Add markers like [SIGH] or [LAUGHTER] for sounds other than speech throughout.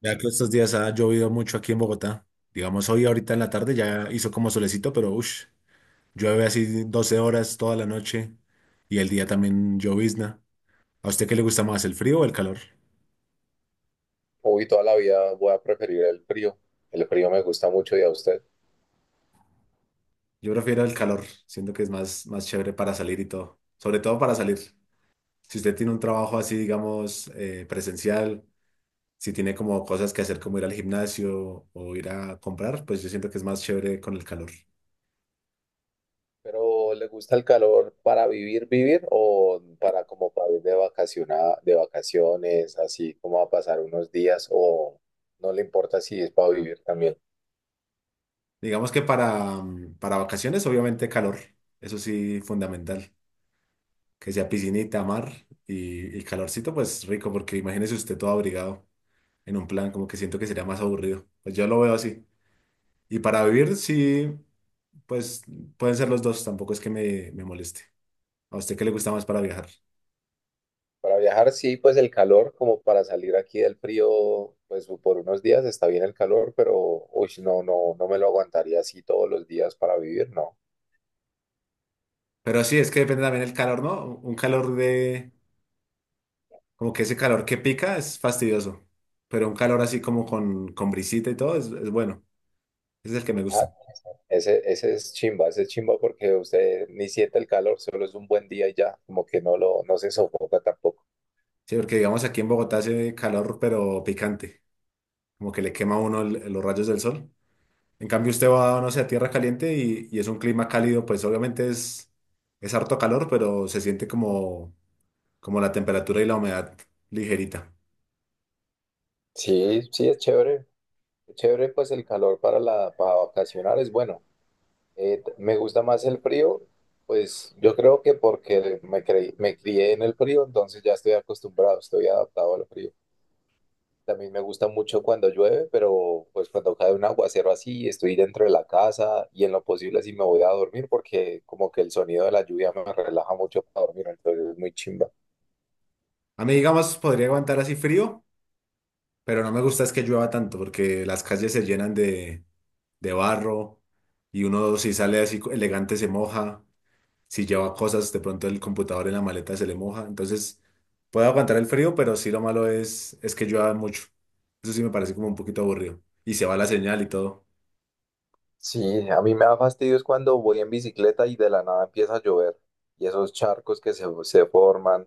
Ya que estos días ha llovido mucho aquí en Bogotá. Digamos, hoy ahorita en la tarde ya hizo como solecito, pero uff, llueve así 12 horas toda la noche y el día también llovizna. ¿A usted qué le gusta más, el frío o el calor? Hoy toda la vida voy a preferir el frío. El frío me gusta mucho ¿y a usted? Yo prefiero el calor, siento que es más, chévere para salir y todo, sobre todo para salir. Si usted tiene un trabajo así, digamos, presencial, si tiene como cosas que hacer como ir al gimnasio o ir a comprar, pues yo siento que es más chévere con el calor. Pero ¿le gusta el calor para vivir o para como para ir de de vacaciones, así como a pasar unos días, o no le importa si es para vivir también? Digamos que para, para vacaciones, obviamente calor, eso sí, fundamental. Que sea piscinita, mar y calorcito, pues rico, porque imagínese usted todo abrigado en un plan, como que siento que sería más aburrido. Pues yo lo veo así. Y para vivir, sí, pues pueden ser los dos, tampoco es que me moleste. ¿A usted qué le gusta más para viajar? Para viajar sí, pues el calor como para salir aquí del frío, pues por unos días está bien el calor, pero uy, no, no, no me lo aguantaría así todos los días para vivir, no. Pero sí, es que depende también el calor, ¿no? Un calor de, como que ese calor que pica es fastidioso, pero un calor así como con, brisita y todo es bueno. Ese es el que me Ah, gusta. ese es chimba, ese es chimba porque usted ni siente el calor, solo es un buen día y ya, como que no lo, no se sofoca tampoco. Sí, porque digamos aquí en Bogotá hace calor, pero picante, como que le quema a uno los rayos del sol. En cambio, usted va, no sé, a tierra caliente y es un clima cálido, pues obviamente es harto calor, pero se siente como, como la temperatura y la humedad ligerita. Sí, sí, es chévere. Es chévere, pues el calor para para vacacionar es bueno. Me gusta más el frío, pues yo creo que porque me crié en el frío, entonces ya estoy acostumbrado, estoy adaptado al frío. También me gusta mucho cuando llueve, pero pues cuando cae un aguacero así, estoy dentro de la casa y en lo posible así me voy a dormir, porque como que el sonido de la lluvia me relaja mucho para dormir, entonces es muy chimba. A mí, digamos, podría aguantar así frío, pero no me gusta es que llueva tanto, porque las calles se llenan de barro y uno si sale así elegante se moja. Si lleva cosas, de pronto el computador en la maleta se le moja. Entonces, puede aguantar el frío, pero sí lo malo es que llueva mucho. Eso sí me parece como un poquito aburrido. Y se va la señal y todo. Sí, a mí me da fastidio es cuando voy en bicicleta y de la nada empieza a llover, y esos charcos que se forman,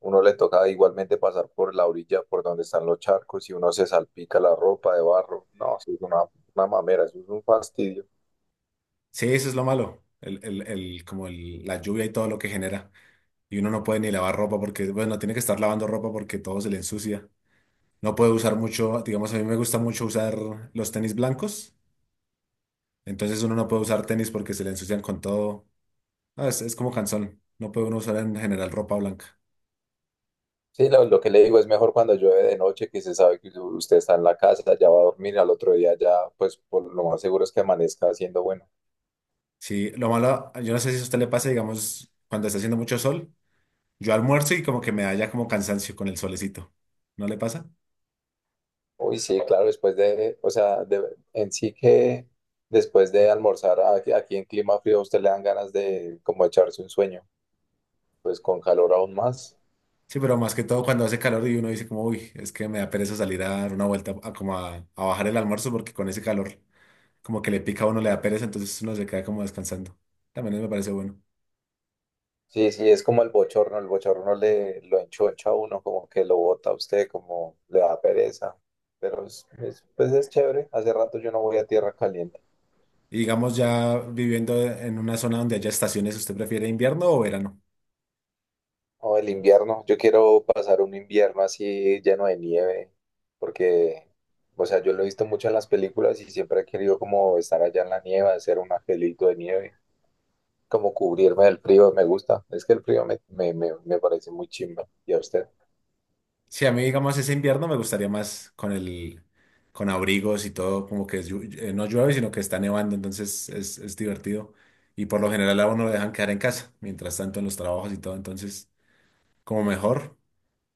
uno le toca igualmente pasar por la orilla por donde están los charcos y uno se salpica la ropa de barro. No, eso es una mamera, eso es un fastidio. Sí, eso es lo malo. Como la lluvia y todo lo que genera. Y uno no puede ni lavar ropa porque, bueno, tiene que estar lavando ropa porque todo se le ensucia. No puede usar mucho, digamos, a mí me gusta mucho usar los tenis blancos. Entonces uno no puede usar tenis porque se le ensucian con todo. Ah, es como cansón. No puede uno usar en general ropa blanca. Sí, lo que le digo es mejor cuando llueve de noche, que se sabe que usted está en la casa, ya va a dormir, al otro día ya, pues por lo más seguro es que amanezca haciendo bueno. Sí, lo malo, yo no sé si a usted le pasa, digamos, cuando está haciendo mucho sol, yo almuerzo y como que me da ya como cansancio con el solecito. ¿No le pasa? Uy, sí, claro, después de, o sea, en sí que después de almorzar aquí, aquí en clima frío, a usted le dan ganas de como echarse un sueño, pues con calor aún más. Sí, pero más que todo cuando hace calor y uno dice como, uy, es que me da pereza salir a dar una vuelta, a como a bajar el almuerzo porque con ese calor como que le pica a uno, le da pereza, entonces uno se queda como descansando. También me parece bueno. Sí, sí, es como el bochorno le lo enchocha a uno, como que lo bota a usted, como le da pereza, pero pues es chévere, hace rato yo no voy a tierra caliente. Y digamos, ya viviendo en una zona donde haya estaciones, ¿usted prefiere invierno o verano? O el invierno, yo quiero pasar un invierno así lleno de nieve, porque, o sea, yo lo he visto mucho en las películas y siempre he querido como estar allá en la nieve, hacer un angelito de nieve, como cubrirme del frío, me gusta. Es que el frío me parece muy chimba. ¿Y a usted? Sí, a mí, digamos, ese invierno me gustaría más con el, con abrigos y todo, como que no llueve, sino que está nevando, entonces es divertido. Y por lo general a uno lo dejan quedar en casa, mientras tanto en los trabajos y todo, entonces como mejor.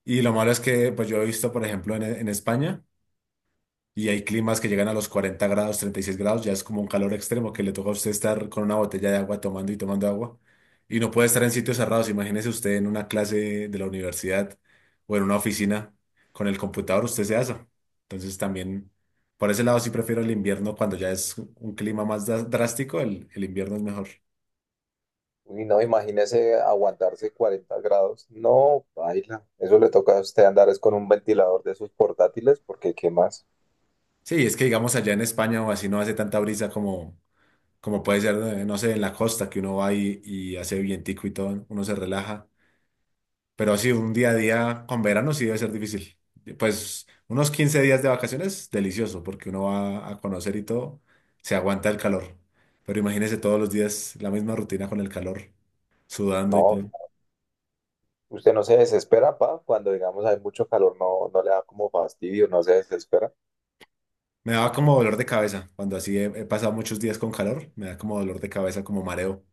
Y lo malo es que, pues yo he visto, por ejemplo, en España, y hay climas que llegan a los 40 grados, 36 grados, ya es como un calor extremo que le toca a usted estar con una botella de agua tomando y tomando agua. Y no puede estar en sitios cerrados. Imagínese usted en una clase de la universidad o en una oficina con el computador, usted se asa. Entonces también, por ese lado sí prefiero el invierno cuando ya es un clima más drástico, el invierno es mejor. Y no, imagínese aguantarse 40 grados. No, baila. Eso le toca a usted andar es con un ventilador de esos portátiles, porque ¿qué más? Sí, es que digamos allá en España o así no hace tanta brisa como, como puede ser, no sé, en la costa que uno va y hace vientico y todo, uno se relaja. Pero sí, un día a día con verano sí debe ser difícil. Pues unos 15 días de vacaciones, delicioso, porque uno va a conocer y todo, se aguanta el calor. Pero imagínese todos los días la misma rutina con el calor, sudando y No, todo. ¿usted no se desespera, pa? Cuando, digamos, hay mucho calor, no, no le da como fastidio, no se desespera. Me daba como dolor de cabeza. Cuando así he pasado muchos días con calor, me da como dolor de cabeza, como mareo.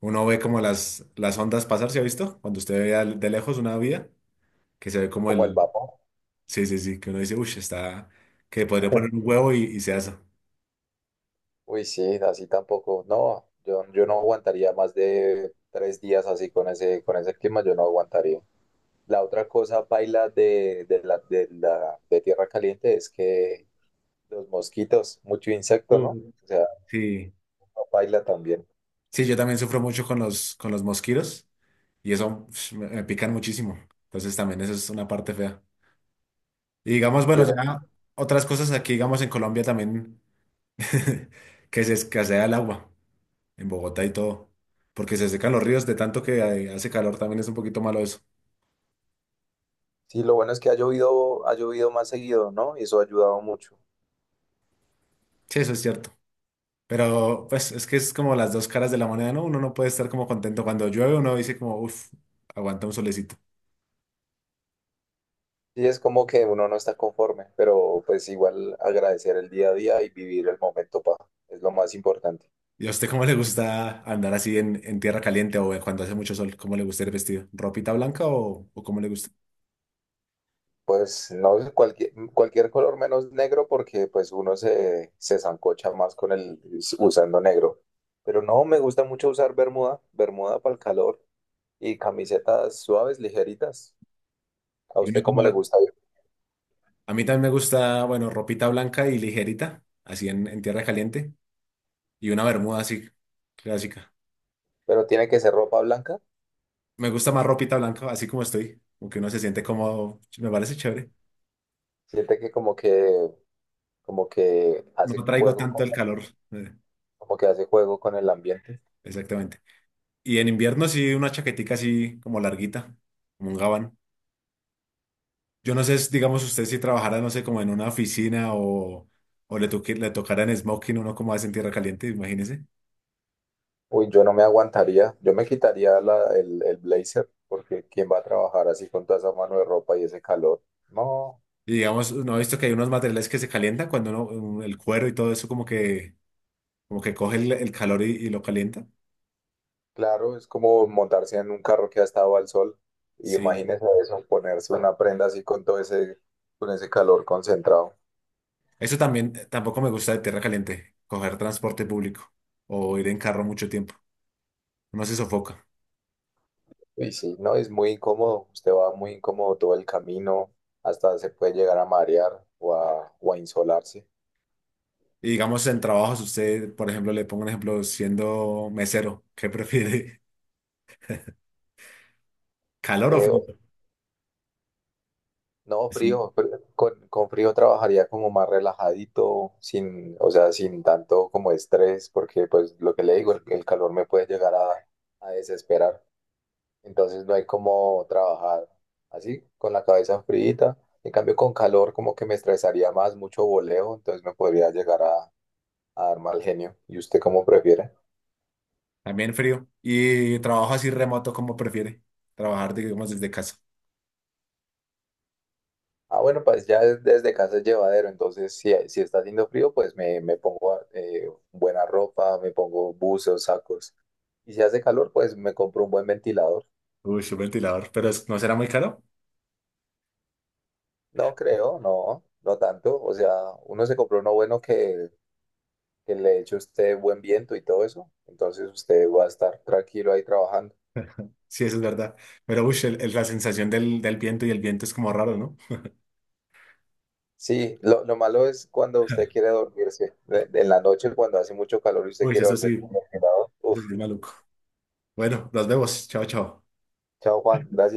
Uno ve como las ondas pasar, ¿se ha visto? Cuando usted ve de lejos una vía, que se ve como Como el el... vapor. Sí, sí, sí, que uno dice, uff, está... que podría poner un huevo y se asa. Uy, sí, así tampoco. No, yo no aguantaría más de 3 días así con ese clima, yo no aguantaría. La otra cosa, paila, de tierra caliente es que los mosquitos, mucho insecto, ¿no? Uh, O sea, Sí, no, paila también. sí, yo también sufro mucho con los mosquitos y eso pf, me pican muchísimo. Entonces también eso es una parte fea. Y digamos, Yo bueno, ya otras cosas aquí, digamos, en Colombia también, [LAUGHS] que se escasea el agua, en Bogotá y todo, porque se secan los ríos de tanto que hace calor, también es un poquito malo eso. sí, lo bueno es que ha llovido más seguido, ¿no? Y eso ha ayudado mucho. Sí, eso es cierto. Pero pues es que es como las dos caras de la moneda, ¿no? Uno no puede estar como contento cuando llueve, uno dice como, uff, aguanta un solecito. Y es como que uno no está conforme, pero pues igual agradecer el día a día y vivir el momento, pa, es lo más importante. ¿Y a usted cómo le gusta andar así en tierra caliente o cuando hace mucho sol? ¿Cómo le gusta ir vestido? ¿Ropita blanca o cómo le gusta? Pues no es cualquier, cualquier color menos negro, porque pues uno se sancocha más con el usando negro. Pero no, me gusta mucho usar bermuda, bermuda para el calor, y camisetas suaves, ligeritas. ¿A Y uno usted cómo como- le gusta? a mí también me gusta, bueno, ropita blanca y ligerita, así en tierra caliente, y una bermuda así clásica. Pero tiene que ser ropa blanca. Me gusta más ropita blanca, así como estoy, porque uno se siente cómodo, me parece chévere. Siente que como que como que No hace traigo juego tanto con- el calor, eh, como que hace juego con el ambiente. exactamente. Y en invierno sí una chaquetica así como larguita, como un gabán. Yo no sé, si, digamos, usted si trabajara, no sé, como en una oficina o, le tocara en smoking, uno como hace en tierra caliente, imagínese. Uy, yo no me aguantaría, yo me quitaría el blazer, porque ¿quién va a trabajar así con toda esa mano de ropa y ese calor? No, Y digamos, no he visto que hay unos materiales que se calientan cuando uno, el cuero y todo eso como que coge el calor y lo calienta. claro, es como montarse en un carro que ha estado al sol, y Sí. imagínese eso, ponerse una prenda así con todo ese, con ese calor concentrado. Eso también, tampoco me gusta de tierra caliente, coger transporte público o ir en carro mucho tiempo. Uno se sofoca. Y sí, no, es muy incómodo, usted va muy incómodo todo el camino, hasta se puede llegar a marear o a insolarse. Y digamos, en trabajos, usted, por ejemplo, le pongo un ejemplo, siendo mesero, ¿qué prefiere? [LAUGHS] ¿Calor o frío? Eh, No, Sí. frío, pero con frío trabajaría como más relajadito, sin, o sea, sin tanto como estrés, porque pues lo que le digo, el calor me puede llegar a desesperar. Entonces no hay como trabajar así, con la cabeza fríita. En cambio, con calor como que me estresaría más, mucho voleo, entonces me podría llegar a dar mal genio. ¿Y usted cómo prefiere? También frío. Y trabajo así remoto como prefiere. Trabajar, digamos, desde casa. Ah, bueno, pues ya desde casa es llevadero, entonces si está haciendo frío, pues me pongo buena ropa, me pongo buzos, sacos. Y si hace calor, pues me compro un buen ventilador. Uy, un ventilador. Pero ¿no será muy caro? No creo, no, no tanto. O sea, uno se compró uno bueno que le eche a usted buen viento y todo eso. Entonces usted va a estar tranquilo ahí trabajando. [LAUGHS] Sí, eso es verdad. Pero uy, la sensación del viento y el viento es como raro, ¿no? Sí, lo malo es cuando usted quiere [LAUGHS] dormirse. En la noche, cuando hace mucho calor y usted Uy, quiere dormir con el ventilador. eso Uf, sí es maluco. Bueno, nos vemos. Chao, chao. chao Juan, gracias.